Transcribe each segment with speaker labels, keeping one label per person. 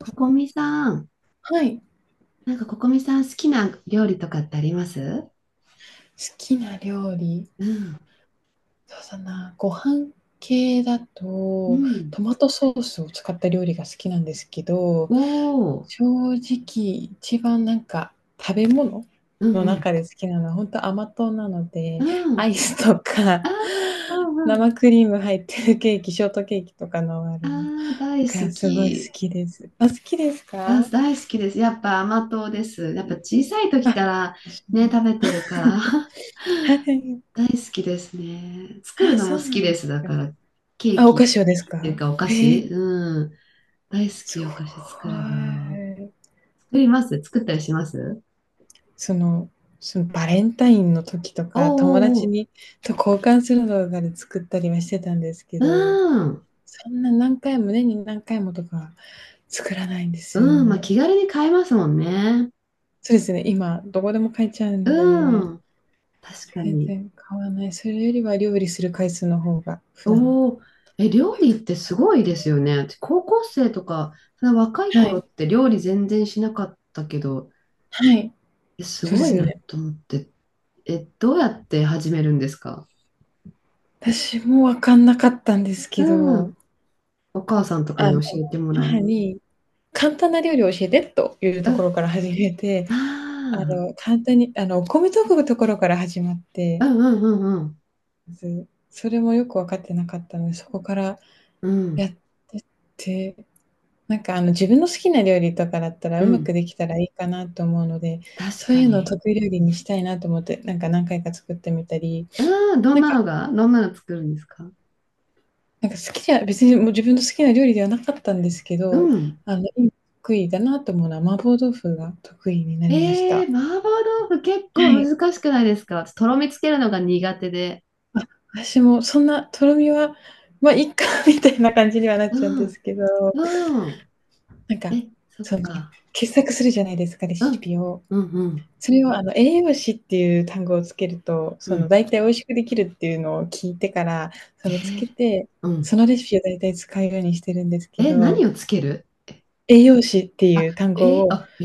Speaker 1: ここみさん、
Speaker 2: はい。好
Speaker 1: なんかここみさん好きな料理とかってあります？
Speaker 2: きな料理、
Speaker 1: うん、
Speaker 2: そうだな、ご飯系だ
Speaker 1: う
Speaker 2: と、
Speaker 1: ん。
Speaker 2: トマトソースを使った料理が好きなんですけど、
Speaker 1: おお、
Speaker 2: 正直一番なんか食べ物
Speaker 1: う
Speaker 2: の
Speaker 1: ん
Speaker 2: 中で好きなのはほんと甘党なの
Speaker 1: う
Speaker 2: で、
Speaker 1: ん、う
Speaker 2: アイ
Speaker 1: ん。
Speaker 2: スと
Speaker 1: あ
Speaker 2: か
Speaker 1: ー、う んうん。
Speaker 2: 生クリーム入ってるケーキ、ショートケーキとかのあ
Speaker 1: あ
Speaker 2: るの
Speaker 1: あ大
Speaker 2: が
Speaker 1: 好
Speaker 2: すごい好
Speaker 1: き。
Speaker 2: きです。あ、好きです
Speaker 1: あ、
Speaker 2: か？
Speaker 1: 大好きです。やっぱ甘党です。やっぱ小さい時
Speaker 2: あ、
Speaker 1: から
Speaker 2: そう
Speaker 1: ね、
Speaker 2: なん
Speaker 1: 食
Speaker 2: だ。
Speaker 1: べてるから
Speaker 2: はい。
Speaker 1: 大好きですね。作る
Speaker 2: あ、
Speaker 1: のも
Speaker 2: そ
Speaker 1: 好
Speaker 2: うな
Speaker 1: き
Speaker 2: んで
Speaker 1: です。だ
Speaker 2: す
Speaker 1: か
Speaker 2: か。
Speaker 1: ら、ケー
Speaker 2: あ、お菓
Speaker 1: キ、
Speaker 2: 子をで
Speaker 1: ケー
Speaker 2: す
Speaker 1: キっていう
Speaker 2: か？
Speaker 1: かお菓子、
Speaker 2: へえ。
Speaker 1: うん。大好
Speaker 2: す
Speaker 1: き、
Speaker 2: ご
Speaker 1: お菓子作
Speaker 2: い。
Speaker 1: るの。作ったりします。
Speaker 2: その、そのバレンタインの時とか、友
Speaker 1: お
Speaker 2: 達
Speaker 1: ーおー、
Speaker 2: にと交換する動画で作ったりはしてたんですけ
Speaker 1: う
Speaker 2: ど、
Speaker 1: ん。
Speaker 2: そんな何回も、年に何回もとか作らないんです
Speaker 1: うん。まあ、
Speaker 2: よ。
Speaker 1: 気軽に買えますもんね。
Speaker 2: そうですね、今どこでも買えちゃうの
Speaker 1: う
Speaker 2: で、
Speaker 1: ん。確か
Speaker 2: 全
Speaker 1: に。
Speaker 2: 然買わない。それよりは料理する回数の方が普段
Speaker 1: おお。え、
Speaker 2: 多
Speaker 1: 料
Speaker 2: いか
Speaker 1: 理ってすごいですよね。私高校生とか、その若い
Speaker 2: な。は
Speaker 1: 頃
Speaker 2: い。
Speaker 1: って料理全然しなかったけど、
Speaker 2: はい。
Speaker 1: え、す
Speaker 2: そうで
Speaker 1: ごい
Speaker 2: す
Speaker 1: な
Speaker 2: ね。
Speaker 1: と思って。え、どうやって始めるんですか？
Speaker 2: 私もわかんなかったんですけ
Speaker 1: う
Speaker 2: ど、
Speaker 1: ん。お母さんとかに
Speaker 2: あの、
Speaker 1: 教えてもら
Speaker 2: 母
Speaker 1: う。
Speaker 2: に簡単な料理を教えてという
Speaker 1: う
Speaker 2: とこ
Speaker 1: ん。
Speaker 2: ろから始めて、
Speaker 1: あ
Speaker 2: 簡単に、お米研ぐところから始まって、
Speaker 1: あ。うんうんうん
Speaker 2: ずそれもよく分かってなかったので、そこから
Speaker 1: うん。う
Speaker 2: やっ
Speaker 1: ん。
Speaker 2: てって、自分の好きな料理とかだったら、
Speaker 1: う
Speaker 2: うまく
Speaker 1: ん。
Speaker 2: できたらいいかなと思うので、
Speaker 1: 確
Speaker 2: そう
Speaker 1: か
Speaker 2: いうのを
Speaker 1: に。
Speaker 2: 得意料理にしたいなと思って、なんか何回か作ってみたり、
Speaker 1: うん。どん
Speaker 2: なん
Speaker 1: な
Speaker 2: か
Speaker 1: のが、どんなの作るんですか？
Speaker 2: なんか好きじゃ別にもう自分の好きな料理ではなかったんですけ
Speaker 1: う
Speaker 2: ど、
Speaker 1: ん。
Speaker 2: あの、得意だなと思うのは麻婆豆腐が得意になりまし
Speaker 1: ええ
Speaker 2: た。
Speaker 1: ー、麻婆豆腐結
Speaker 2: は
Speaker 1: 構
Speaker 2: い。
Speaker 1: 難しくないですか？私とろみつけるのが苦手で。
Speaker 2: あ、私もそんなとろみは、まあ、いっかみたいな感じにはなっちゃうん
Speaker 1: う
Speaker 2: で
Speaker 1: ん、
Speaker 2: すけど、
Speaker 1: うん。
Speaker 2: なんか、
Speaker 1: え、そっ
Speaker 2: その、
Speaker 1: か。
Speaker 2: 傑作するじゃないですか、レ
Speaker 1: う
Speaker 2: シ
Speaker 1: ん、
Speaker 2: ピを。
Speaker 1: うん、うん、
Speaker 2: それを栄養士っていう単語をつけると、
Speaker 1: う
Speaker 2: その
Speaker 1: ん。
Speaker 2: 大体美味しくできるっていうのを聞いてから、そ
Speaker 1: え
Speaker 2: のつ
Speaker 1: ー、
Speaker 2: けて、
Speaker 1: う
Speaker 2: そ
Speaker 1: ん。
Speaker 2: のレシピを大体使うようにしてるんですけ
Speaker 1: え、
Speaker 2: ど、
Speaker 1: 何をつける？
Speaker 2: 栄養士って
Speaker 1: あ、
Speaker 2: いう単語を、
Speaker 1: あ、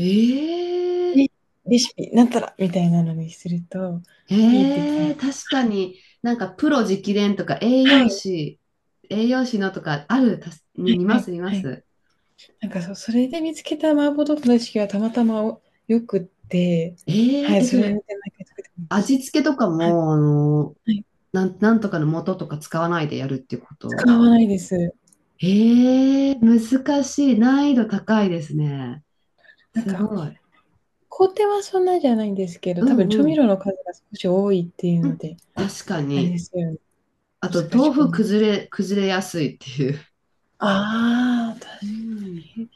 Speaker 2: え、レシピなんたらみたいなのにすると、いいって聞き
Speaker 1: 確かになんかプロ直伝とか栄
Speaker 2: は
Speaker 1: 養
Speaker 2: い、
Speaker 1: 士、栄養士のとかある、たす
Speaker 2: は
Speaker 1: に
Speaker 2: い
Speaker 1: 見
Speaker 2: は
Speaker 1: ま
Speaker 2: い
Speaker 1: す、見ま
Speaker 2: はい。
Speaker 1: す。
Speaker 2: なんかそう、それで見つけた麻婆豆腐の意識はたまたまお良くって、はい、
Speaker 1: え、
Speaker 2: そ
Speaker 1: そ
Speaker 2: れで
Speaker 1: れ、
Speaker 2: 毎回作ってま
Speaker 1: 味
Speaker 2: す。
Speaker 1: 付けとか
Speaker 2: はい、
Speaker 1: も、
Speaker 2: はい、
Speaker 1: なんとかの素とか使わないでやるっていうこと？
Speaker 2: 使わないです。
Speaker 1: ええ難しい。難易度高いですね。
Speaker 2: なん
Speaker 1: す
Speaker 2: か、
Speaker 1: ごい。
Speaker 2: 工程はそんなじゃないんですけ
Speaker 1: う
Speaker 2: ど、多
Speaker 1: ん
Speaker 2: 分調
Speaker 1: う
Speaker 2: 味
Speaker 1: ん。
Speaker 2: 料の数が少し多いっていう
Speaker 1: う
Speaker 2: の
Speaker 1: ん、
Speaker 2: で、
Speaker 1: 確か
Speaker 2: あれで
Speaker 1: に。
Speaker 2: すよね、
Speaker 1: あと、
Speaker 2: 難し
Speaker 1: 豆
Speaker 2: く
Speaker 1: 腐
Speaker 2: 思い
Speaker 1: 崩れやすいっていう。
Speaker 2: ああ、確か
Speaker 1: うん。
Speaker 2: に、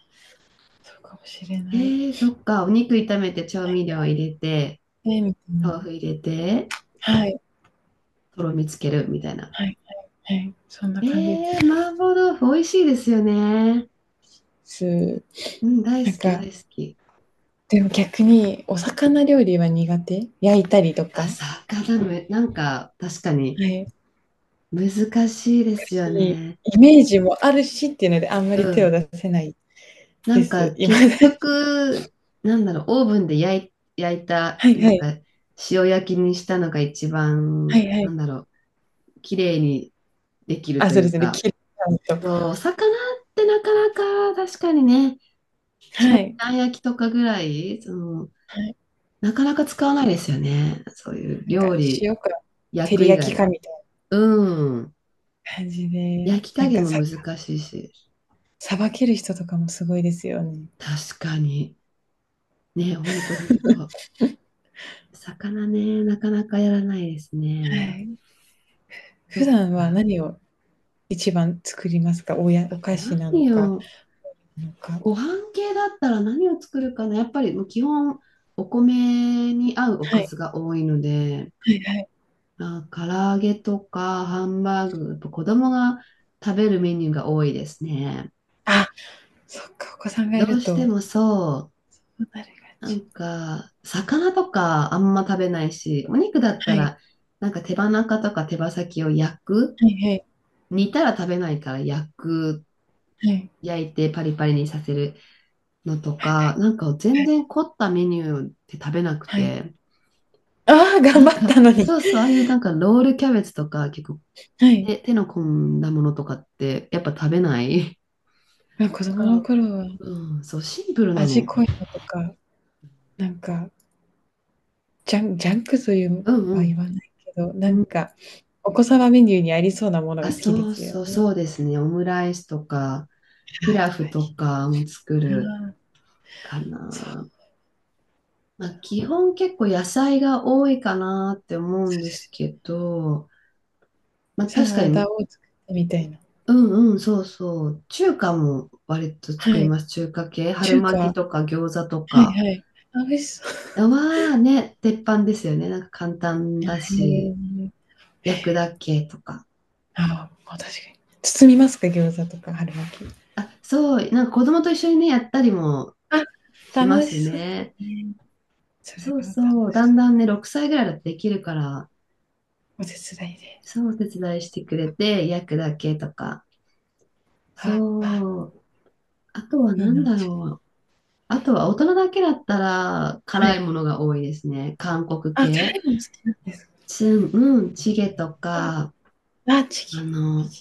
Speaker 2: そうかもしれない。
Speaker 1: ええそっか。お肉炒めて調味料入れて、
Speaker 2: ね、みたい
Speaker 1: 豆
Speaker 2: な。
Speaker 1: 腐入れて、
Speaker 2: はい、
Speaker 1: とろみつけるみたいな。
Speaker 2: はい、はい、そんな感じで
Speaker 1: ええ麻婆豆腐美味しいですよね。
Speaker 2: す。
Speaker 1: うん、大
Speaker 2: な
Speaker 1: 好
Speaker 2: ん
Speaker 1: き
Speaker 2: か、
Speaker 1: 大好き。
Speaker 2: でも逆にお魚料理は苦手。焼いたりと
Speaker 1: あ、
Speaker 2: か。
Speaker 1: 魚め、なんか確かに
Speaker 2: はい。
Speaker 1: 難しいですよ
Speaker 2: し
Speaker 1: ね。
Speaker 2: イメージもあるしっていうので、あんま
Speaker 1: う
Speaker 2: り手を
Speaker 1: ん。
Speaker 2: 出せない
Speaker 1: な
Speaker 2: で
Speaker 1: ん
Speaker 2: す。
Speaker 1: か
Speaker 2: 今だ
Speaker 1: 結
Speaker 2: に。
Speaker 1: 局、なんだろう、オーブンで焼い、焼い た、
Speaker 2: はい
Speaker 1: な
Speaker 2: は
Speaker 1: んか
Speaker 2: い。
Speaker 1: 塩焼きにしたのが一
Speaker 2: は
Speaker 1: 番、
Speaker 2: いは
Speaker 1: な
Speaker 2: い。
Speaker 1: んだろう、綺麗にできる
Speaker 2: あ、
Speaker 1: と
Speaker 2: そう
Speaker 1: い
Speaker 2: で
Speaker 1: う
Speaker 2: すね、
Speaker 1: か、
Speaker 2: 切り感と。
Speaker 1: そうお魚ってなかなか確かにね、
Speaker 2: はい。
Speaker 1: あん焼きとかぐらい、その、
Speaker 2: はい。
Speaker 1: なかなか使わないですよね。そういう
Speaker 2: なんか
Speaker 1: 料理、
Speaker 2: 塩か
Speaker 1: 焼
Speaker 2: 照
Speaker 1: く
Speaker 2: り
Speaker 1: 以
Speaker 2: 焼きか
Speaker 1: 外。
Speaker 2: みたいな
Speaker 1: うん。
Speaker 2: 感じで、
Speaker 1: 焼き
Speaker 2: な
Speaker 1: 加
Speaker 2: ん
Speaker 1: 減
Speaker 2: か
Speaker 1: も
Speaker 2: さ
Speaker 1: 難しいし。
Speaker 2: 捌ける人とかもすごいですよね。
Speaker 1: 確かに。ね、ほんとほんと。魚ね、なかなかやらないです
Speaker 2: は
Speaker 1: ね。
Speaker 2: い。
Speaker 1: そ
Speaker 2: 普
Speaker 1: っ
Speaker 2: 段は
Speaker 1: か。
Speaker 2: 何を一番作りますか？おやお菓子
Speaker 1: 何
Speaker 2: なのか、
Speaker 1: よ、
Speaker 2: なのか
Speaker 1: ご飯系だったら何を作るかな。やっぱりもう基本、お米に合うお
Speaker 2: は
Speaker 1: か
Speaker 2: い。
Speaker 1: ずが多いので、
Speaker 2: はいはい。
Speaker 1: あ、唐揚げとかハンバーグ、やっぱ子供が食べるメニューが多いですね。
Speaker 2: あ、そっか、お子さんが
Speaker 1: ど
Speaker 2: い
Speaker 1: う
Speaker 2: る
Speaker 1: して
Speaker 2: と、そ
Speaker 1: もそ
Speaker 2: うなる感
Speaker 1: う、な
Speaker 2: じ。
Speaker 1: んか、魚とかあんま食べないし、お肉だったら、なんか手羽中とか手羽先を焼く、
Speaker 2: はいはい。
Speaker 1: 煮たら食べないから焼く、
Speaker 2: はい。
Speaker 1: 焼いてパリパリにさせるのと
Speaker 2: はい
Speaker 1: か、なんか
Speaker 2: は
Speaker 1: 全
Speaker 2: い。
Speaker 1: 然凝ったメニューって食べなく
Speaker 2: はい。
Speaker 1: て、
Speaker 2: ああ、頑
Speaker 1: な
Speaker 2: 張
Speaker 1: ん
Speaker 2: っ
Speaker 1: か
Speaker 2: たのに。
Speaker 1: そうそう、ああいうなんかロールキャベツとか結構
Speaker 2: はい。
Speaker 1: 手の込んだものとかってやっぱ食べない。
Speaker 2: ま、子
Speaker 1: だ
Speaker 2: 供
Speaker 1: か
Speaker 2: の
Speaker 1: ら、
Speaker 2: 頃は
Speaker 1: うん、そう、シンプルな
Speaker 2: 味
Speaker 1: の。
Speaker 2: 濃いのとか、なんか、ジャンジャンクという
Speaker 1: うんう
Speaker 2: は言
Speaker 1: ん。
Speaker 2: わないけど、
Speaker 1: うん、
Speaker 2: お子様メニューにありそうなもの
Speaker 1: あ、
Speaker 2: が好きで
Speaker 1: そう
Speaker 2: すよ
Speaker 1: そう、
Speaker 2: ね。
Speaker 1: そうですね。オムライスとか、ピ
Speaker 2: ああ、や
Speaker 1: ラ
Speaker 2: っ
Speaker 1: フ
Speaker 2: ぱ
Speaker 1: と
Speaker 2: り。
Speaker 1: かも作る
Speaker 2: ああ、
Speaker 1: か
Speaker 2: そう、
Speaker 1: な。まあ、基本結構野菜が多いかなって思う
Speaker 2: そ
Speaker 1: ん
Speaker 2: う
Speaker 1: で
Speaker 2: で
Speaker 1: す
Speaker 2: すよ。
Speaker 1: けど、まあ、
Speaker 2: サ
Speaker 1: 確か
Speaker 2: ラダ
Speaker 1: に。
Speaker 2: を作ってみたいな。
Speaker 1: うんうん、そうそう。中華も割と
Speaker 2: は
Speaker 1: 作り
Speaker 2: い。
Speaker 1: ます。中華系。春
Speaker 2: 中華、
Speaker 1: 巻き
Speaker 2: は
Speaker 1: とか餃子と
Speaker 2: い
Speaker 1: か。
Speaker 2: はい。あ、美味しそう。
Speaker 1: はね、鉄板ですよね。なんか簡単だし、
Speaker 2: へ
Speaker 1: 焼く
Speaker 2: え。
Speaker 1: だけとか。
Speaker 2: ああ、ま、確かに。包みますか？餃子とか春巻き。
Speaker 1: あ、そう、なんか子供と一緒にね、やったりも
Speaker 2: あ、
Speaker 1: しま
Speaker 2: 楽
Speaker 1: す
Speaker 2: しそうで
Speaker 1: ね。
Speaker 2: すね。それ
Speaker 1: そう
Speaker 2: は楽
Speaker 1: そう。
Speaker 2: し
Speaker 1: だんだんね、6歳ぐらいだとできるから、
Speaker 2: お手伝いで。
Speaker 1: そう、お手伝いしてくれて、焼くだけとか。
Speaker 2: ああ、
Speaker 1: そう。あとは
Speaker 2: いい
Speaker 1: 何
Speaker 2: な。
Speaker 1: だろう。あとは大人だけだったら
Speaker 2: は
Speaker 1: 辛い
Speaker 2: い。
Speaker 1: ものが多いですね。韓国
Speaker 2: あ、辛
Speaker 1: 系。
Speaker 2: いもの好きなんですか。
Speaker 1: うん、チゲとか、
Speaker 2: あ、チ
Speaker 1: あ
Speaker 2: キン。
Speaker 1: の、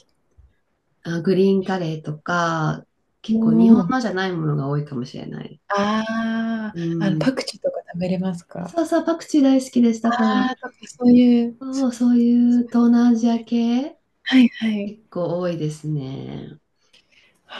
Speaker 1: あ、グリーンカレーとか、
Speaker 2: お
Speaker 1: 結構日本
Speaker 2: お。
Speaker 1: のじゃないものが多いかもしれない。
Speaker 2: ああ、
Speaker 1: う
Speaker 2: パ
Speaker 1: ん。
Speaker 2: クチーとか食べれますか？
Speaker 1: そうそう、パクチー大好きです。だか
Speaker 2: あ
Speaker 1: ら、
Speaker 2: あ、とかそういう、
Speaker 1: そ
Speaker 2: す
Speaker 1: うそういう
Speaker 2: す
Speaker 1: 東南アジア系、
Speaker 2: はいはい。
Speaker 1: 結構多いですね。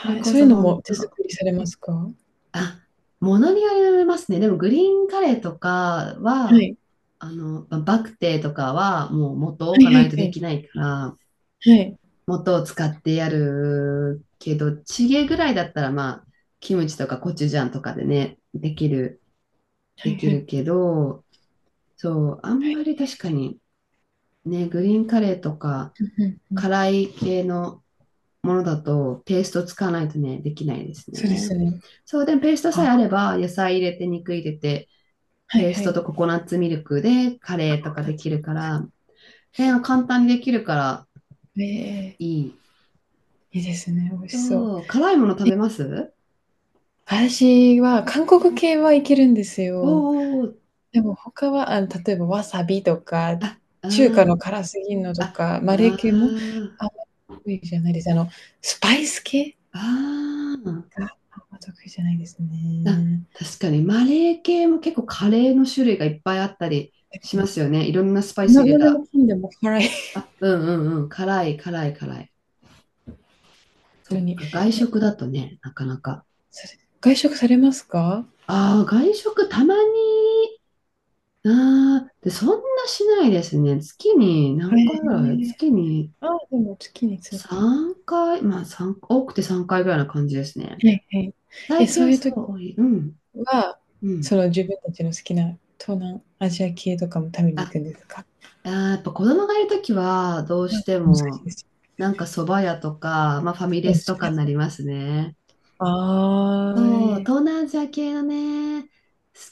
Speaker 1: それ
Speaker 2: い、
Speaker 1: こ
Speaker 2: そういう
Speaker 1: そ
Speaker 2: の
Speaker 1: 本
Speaker 2: も手
Speaker 1: 当。
Speaker 2: 作りされますか？は
Speaker 1: あ、ものによりますね。でもグリーンカレーとかは、
Speaker 2: い。
Speaker 1: ババクテーとかはもう元を
Speaker 2: は
Speaker 1: 置か
Speaker 2: いは
Speaker 1: ない
Speaker 2: い
Speaker 1: と
Speaker 2: は
Speaker 1: で
Speaker 2: い。
Speaker 1: きないから、
Speaker 2: はい。
Speaker 1: 元を使ってやるけど、チゲぐらいだったらまあ、キムチとかコチュジャンとかでね、できる、
Speaker 2: は
Speaker 1: で
Speaker 2: い
Speaker 1: き
Speaker 2: は
Speaker 1: る
Speaker 2: い。
Speaker 1: けど、そう、あんまり確かにね、グリーンカレーとか
Speaker 2: うんうんうん。
Speaker 1: 辛い系のものだとペースト使わないとね、できないです
Speaker 2: そうで
Speaker 1: ね。
Speaker 2: すね。
Speaker 1: そう、でもペーストさ
Speaker 2: あ、
Speaker 1: えあれば、野菜入れて、肉入れて、
Speaker 2: はい
Speaker 1: ペー
Speaker 2: は
Speaker 1: スト
Speaker 2: い。
Speaker 1: とココナッツミルクでカレーと
Speaker 2: ココ
Speaker 1: か
Speaker 2: ナッ
Speaker 1: でき
Speaker 2: ツ。
Speaker 1: るから、ね、簡単にできるから
Speaker 2: ええええ。
Speaker 1: いい。
Speaker 2: いいですね、美味しそう。
Speaker 1: そう、辛いもの食べます？
Speaker 2: 私は韓国系はいけるんです
Speaker 1: おー
Speaker 2: よ。
Speaker 1: おーおー、
Speaker 2: でも他は、例えばわさびとか、中華の
Speaker 1: あ
Speaker 2: 辛すぎんの
Speaker 1: あ、
Speaker 2: とか、
Speaker 1: あ、
Speaker 2: マレー
Speaker 1: あ
Speaker 2: 系もあん
Speaker 1: あ、
Speaker 2: まり得意じゃないです。スパイス系
Speaker 1: ああ、
Speaker 2: があんま得意じゃないです
Speaker 1: な、
Speaker 2: ね。
Speaker 1: 確かにマレー系も結構カレーの種類がいっぱいあったり
Speaker 2: な
Speaker 1: し
Speaker 2: ん
Speaker 1: ま
Speaker 2: か、
Speaker 1: すよね。いろんなスパイス
Speaker 2: な
Speaker 1: 入れ
Speaker 2: なんで
Speaker 1: た。
Speaker 2: もかんでも辛いほん
Speaker 1: あ、うんうんうん。辛い、辛い、辛い。そ
Speaker 2: と
Speaker 1: っ
Speaker 2: に。
Speaker 1: か、外
Speaker 2: え、
Speaker 1: 食だとね、なかなか。
Speaker 2: それ、外食されますか？
Speaker 1: ああ、外食たまに。ああ、で、そんなしないですね。月に
Speaker 2: へ
Speaker 1: 何回ぐらい？
Speaker 2: え。
Speaker 1: 月に
Speaker 2: ああ、でも月に数回。
Speaker 1: 3回、まあ多くて3回ぐらいな感じですね。
Speaker 2: はいはい。
Speaker 1: 最
Speaker 2: え、
Speaker 1: 近
Speaker 2: そう
Speaker 1: は
Speaker 2: いう
Speaker 1: そ
Speaker 2: 時
Speaker 1: う、多い。うん、
Speaker 2: は、
Speaker 1: うん。
Speaker 2: その自分たちの好きな東南アジア系とかも食べに行くんですか？
Speaker 1: あー、やっぱ子供がいるときは、どう
Speaker 2: あ、
Speaker 1: して
Speaker 2: 難しい
Speaker 1: も、
Speaker 2: です。
Speaker 1: なんか蕎麦屋とか、まあファミ
Speaker 2: お
Speaker 1: レ
Speaker 2: も
Speaker 1: ス
Speaker 2: し
Speaker 1: とか
Speaker 2: ろい
Speaker 1: になりますね。
Speaker 2: ああ、
Speaker 1: そう、
Speaker 2: え
Speaker 1: 東
Speaker 2: え。
Speaker 1: 南アジア系のね、好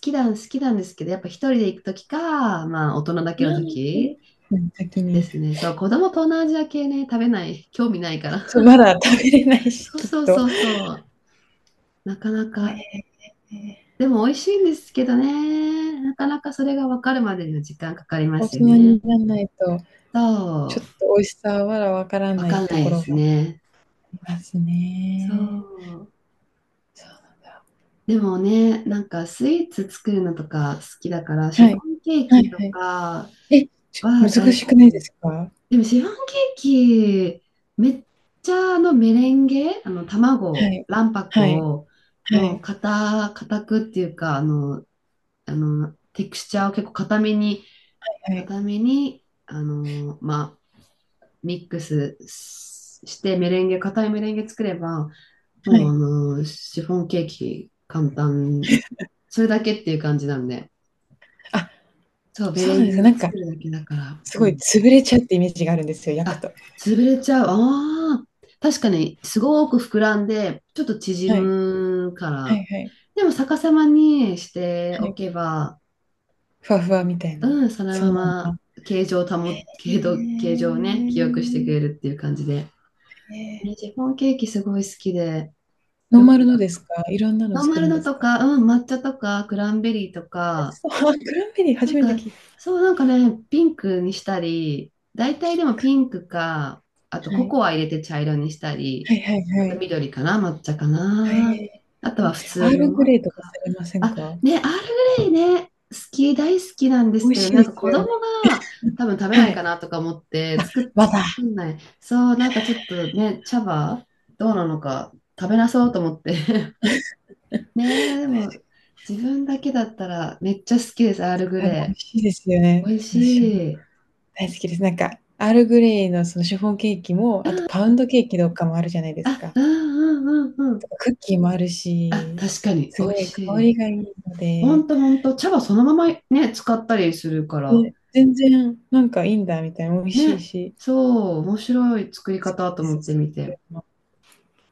Speaker 1: きなん、好きなんですけど、やっぱ一人で行くときか、まあ大人だ
Speaker 2: う
Speaker 1: けのと
Speaker 2: ん、うん。
Speaker 1: き
Speaker 2: うん、先
Speaker 1: で
Speaker 2: に。
Speaker 1: すね。そう、子供東南アジア系ね、食べない、興味ないから。
Speaker 2: そう、まだ食べれな いし、
Speaker 1: そう
Speaker 2: きっ
Speaker 1: そう
Speaker 2: と。
Speaker 1: そうそう、なかな
Speaker 2: おえ
Speaker 1: か、
Speaker 2: え。ええ
Speaker 1: でも美味しいんですけどね、なかなかそれが分かるまでには時間かかりま
Speaker 2: 大
Speaker 1: すよ
Speaker 2: 人
Speaker 1: ね。
Speaker 2: になんないと、ち
Speaker 1: そ
Speaker 2: ょっ
Speaker 1: う、
Speaker 2: と美味しさはまだわから
Speaker 1: 分
Speaker 2: な
Speaker 1: か
Speaker 2: い
Speaker 1: ん
Speaker 2: と
Speaker 1: ない
Speaker 2: こ
Speaker 1: で
Speaker 2: ろ
Speaker 1: す
Speaker 2: も
Speaker 1: ね。
Speaker 2: あります
Speaker 1: そ
Speaker 2: ね。
Speaker 1: う。
Speaker 2: そうなんだ。
Speaker 1: でもね、なんかスイーツ作るのとか好きだから、シ
Speaker 2: は
Speaker 1: フォ
Speaker 2: い。
Speaker 1: ンケー
Speaker 2: はい
Speaker 1: キと
Speaker 2: はい。
Speaker 1: か
Speaker 2: え、ちょ難
Speaker 1: は大好
Speaker 2: しく
Speaker 1: き。
Speaker 2: ないですか？
Speaker 1: でもシフォンケーキ、めっちゃメレンゲ、
Speaker 2: は
Speaker 1: 卵、
Speaker 2: い。
Speaker 1: 卵
Speaker 2: は
Speaker 1: 白
Speaker 2: い。
Speaker 1: を
Speaker 2: は
Speaker 1: もう
Speaker 2: い。
Speaker 1: 固くっていうか、テクスチャーを結構固めに、
Speaker 2: はい。
Speaker 1: 固めに、まあ、ミックスししてメレンゲ、固いメレンゲ作れば、
Speaker 2: は
Speaker 1: もう
Speaker 2: い。
Speaker 1: シフォンケーキ簡単。それだけっていう感じなんで。
Speaker 2: あ、
Speaker 1: そう、メ
Speaker 2: そう
Speaker 1: レ
Speaker 2: なん
Speaker 1: ン
Speaker 2: です
Speaker 1: ゲ
Speaker 2: か。
Speaker 1: を作るだけだから。
Speaker 2: す
Speaker 1: う
Speaker 2: ごい
Speaker 1: ん。
Speaker 2: 潰れちゃうってイメージがあるんですよ、焼く
Speaker 1: あ、
Speaker 2: と。
Speaker 1: 潰れちゃう。ああ。確かに、すごく膨らんで、ちょっと縮
Speaker 2: はい。
Speaker 1: むか
Speaker 2: は
Speaker 1: ら。
Speaker 2: いはい。
Speaker 1: でも逆さまにして
Speaker 2: は
Speaker 1: お
Speaker 2: い。
Speaker 1: けば、
Speaker 2: ふわふわみたいな。
Speaker 1: うん、その
Speaker 2: そ
Speaker 1: ま
Speaker 2: のまん
Speaker 1: ま
Speaker 2: ま。
Speaker 1: 形状を
Speaker 2: へ
Speaker 1: 保、
Speaker 2: え。
Speaker 1: 形状、形状をね、記憶してくれるっていう感じで。
Speaker 2: ええ。
Speaker 1: ね、シフォンケーキすごい好きで、
Speaker 2: ノー
Speaker 1: よ
Speaker 2: マ
Speaker 1: く
Speaker 2: ル
Speaker 1: や
Speaker 2: の
Speaker 1: る
Speaker 2: ですか？いろんなの
Speaker 1: ノーマ
Speaker 2: 作
Speaker 1: ル
Speaker 2: るんで
Speaker 1: の
Speaker 2: す
Speaker 1: と
Speaker 2: か？
Speaker 1: か、うん、抹茶とか、クランベリーと
Speaker 2: 美味し
Speaker 1: か、
Speaker 2: そう。あクランベリー
Speaker 1: な
Speaker 2: 初
Speaker 1: ん
Speaker 2: め
Speaker 1: か、
Speaker 2: て聞いた
Speaker 1: そう、なんかね、ピンクにしたり、大体でも
Speaker 2: く。
Speaker 1: ピンクか、あと
Speaker 2: は
Speaker 1: コ
Speaker 2: い。
Speaker 1: コア入れて茶色にした
Speaker 2: は
Speaker 1: り、
Speaker 2: いはいは
Speaker 1: あと
Speaker 2: い。
Speaker 1: 緑かな、抹茶か
Speaker 2: は
Speaker 1: な。
Speaker 2: え。
Speaker 1: あとは普
Speaker 2: ア
Speaker 1: 通
Speaker 2: ールグレ
Speaker 1: の。
Speaker 2: イとかされません
Speaker 1: あ、
Speaker 2: か？
Speaker 1: ね、アールグレイね、大好きなんで
Speaker 2: 美
Speaker 1: す
Speaker 2: 味
Speaker 1: けど、
Speaker 2: しい
Speaker 1: な
Speaker 2: で
Speaker 1: んか
Speaker 2: す
Speaker 1: 子
Speaker 2: よ
Speaker 1: 供
Speaker 2: ね。
Speaker 1: が多分食べ
Speaker 2: は
Speaker 1: ないか
Speaker 2: い。
Speaker 1: なとか思って作
Speaker 2: バター、
Speaker 1: んない。そう、なんかちょっとね、茶葉どうなのか食べなそうと思って。ねえ、でも自分だけだったらめっちゃ好きです、アールグ
Speaker 2: 多分美
Speaker 1: レ
Speaker 2: 味しいですよ
Speaker 1: イ。
Speaker 2: ね。
Speaker 1: 美味
Speaker 2: 私も
Speaker 1: しい。
Speaker 2: 大好きです。なんか、アールグレイのそのシフォンケーキも、あとパウンドケーキとかもあるじゃないです
Speaker 1: あ、
Speaker 2: か。
Speaker 1: うんうんうんう
Speaker 2: と
Speaker 1: ん。
Speaker 2: かクッキーもある
Speaker 1: あ、
Speaker 2: し、
Speaker 1: 確かに、
Speaker 2: す
Speaker 1: 美味
Speaker 2: ごい
Speaker 1: し
Speaker 2: 香
Speaker 1: い。
Speaker 2: りがいいの
Speaker 1: ほ
Speaker 2: で、
Speaker 1: んとほんと、茶葉そのままね、使ったりするから、
Speaker 2: で全然なんかいいんだみたいな、美味しい
Speaker 1: ね、
Speaker 2: し。
Speaker 1: そう、面白い作り
Speaker 2: き
Speaker 1: 方と
Speaker 2: で
Speaker 1: 思って
Speaker 2: す。そ
Speaker 1: み
Speaker 2: うい
Speaker 1: て。
Speaker 2: うの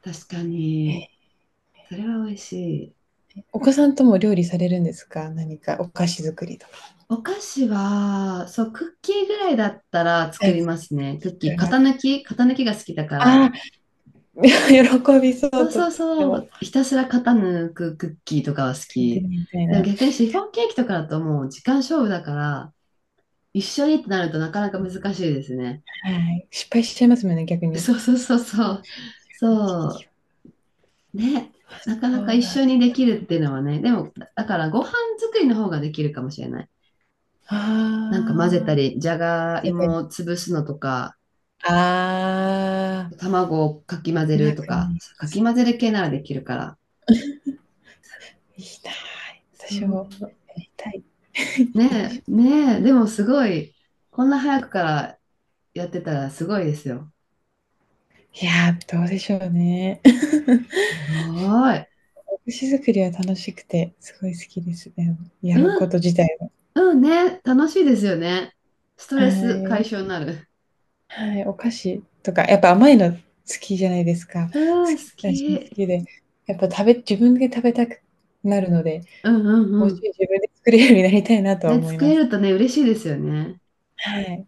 Speaker 1: 確か
Speaker 2: えー
Speaker 1: に、それは美味しい。
Speaker 2: お子さんとも料理されるんですか何かお菓子作りとか。
Speaker 1: お菓子は、そう、クッキーぐらいだったら
Speaker 2: は
Speaker 1: 作
Speaker 2: い。聞
Speaker 1: り
Speaker 2: く
Speaker 1: ますね。クッキ
Speaker 2: か
Speaker 1: ー、
Speaker 2: ら
Speaker 1: 型抜きが好きだか
Speaker 2: ああ、
Speaker 1: ら。
Speaker 2: 喜びそ
Speaker 1: そ
Speaker 2: う、
Speaker 1: う
Speaker 2: と
Speaker 1: そ
Speaker 2: っ
Speaker 1: う
Speaker 2: て
Speaker 1: そ
Speaker 2: も。
Speaker 1: う、ひたすら型抜くクッキーとかは好
Speaker 2: 作ってる
Speaker 1: き。
Speaker 2: みたい
Speaker 1: でも
Speaker 2: な。
Speaker 1: 逆にシフォンケーキとかだともう時間勝負だから、一緒にってなるとなかなか難しいですね。
Speaker 2: はい。失敗しちゃいますもんね、逆に。
Speaker 1: そうそうそうそう。そ う。ね。
Speaker 2: あ
Speaker 1: なかなか
Speaker 2: そう
Speaker 1: 一
Speaker 2: だ。
Speaker 1: 緒にできるっていうのはね。でも、だからご飯作りの方ができるかもしれない。なんか混ぜた
Speaker 2: ああ。
Speaker 1: り、じゃが
Speaker 2: 混
Speaker 1: い
Speaker 2: ぜたり
Speaker 1: もを潰すのとか、
Speaker 2: ああ。
Speaker 1: 卵をかき混ぜ
Speaker 2: うま
Speaker 1: ると
Speaker 2: くな
Speaker 1: か、
Speaker 2: いや
Speaker 1: か
Speaker 2: つ。
Speaker 1: き混ぜる系ならできるから。
Speaker 2: いいな。
Speaker 1: そ
Speaker 2: 私
Speaker 1: う。
Speaker 2: もやりたい。い
Speaker 1: ねえ、ねえ。でもすごい、こんな早くからやってたらすごいですよ。
Speaker 2: やー、どうでしょうね。
Speaker 1: すごい。
Speaker 2: 寿司作りは楽しくて、すごい好きですね。やる
Speaker 1: う
Speaker 2: こ
Speaker 1: ん、
Speaker 2: と自体は。
Speaker 1: うんね。楽しいですよね。スト
Speaker 2: は
Speaker 1: レス解消
Speaker 2: い。
Speaker 1: になる。
Speaker 2: はい、お菓子とか、やっぱ甘いの好きじゃないですか。好
Speaker 1: うん、好
Speaker 2: き私も好
Speaker 1: き。
Speaker 2: きで、やっぱ食べ自分で食べたくなるので、
Speaker 1: うんうん
Speaker 2: もう
Speaker 1: う
Speaker 2: ち
Speaker 1: ん。
Speaker 2: ょい自分で作れるようになりたいなとは
Speaker 1: ね、
Speaker 2: 思い
Speaker 1: 作
Speaker 2: ま
Speaker 1: れ
Speaker 2: す。
Speaker 1: るとね、嬉しいですよね。
Speaker 2: はい。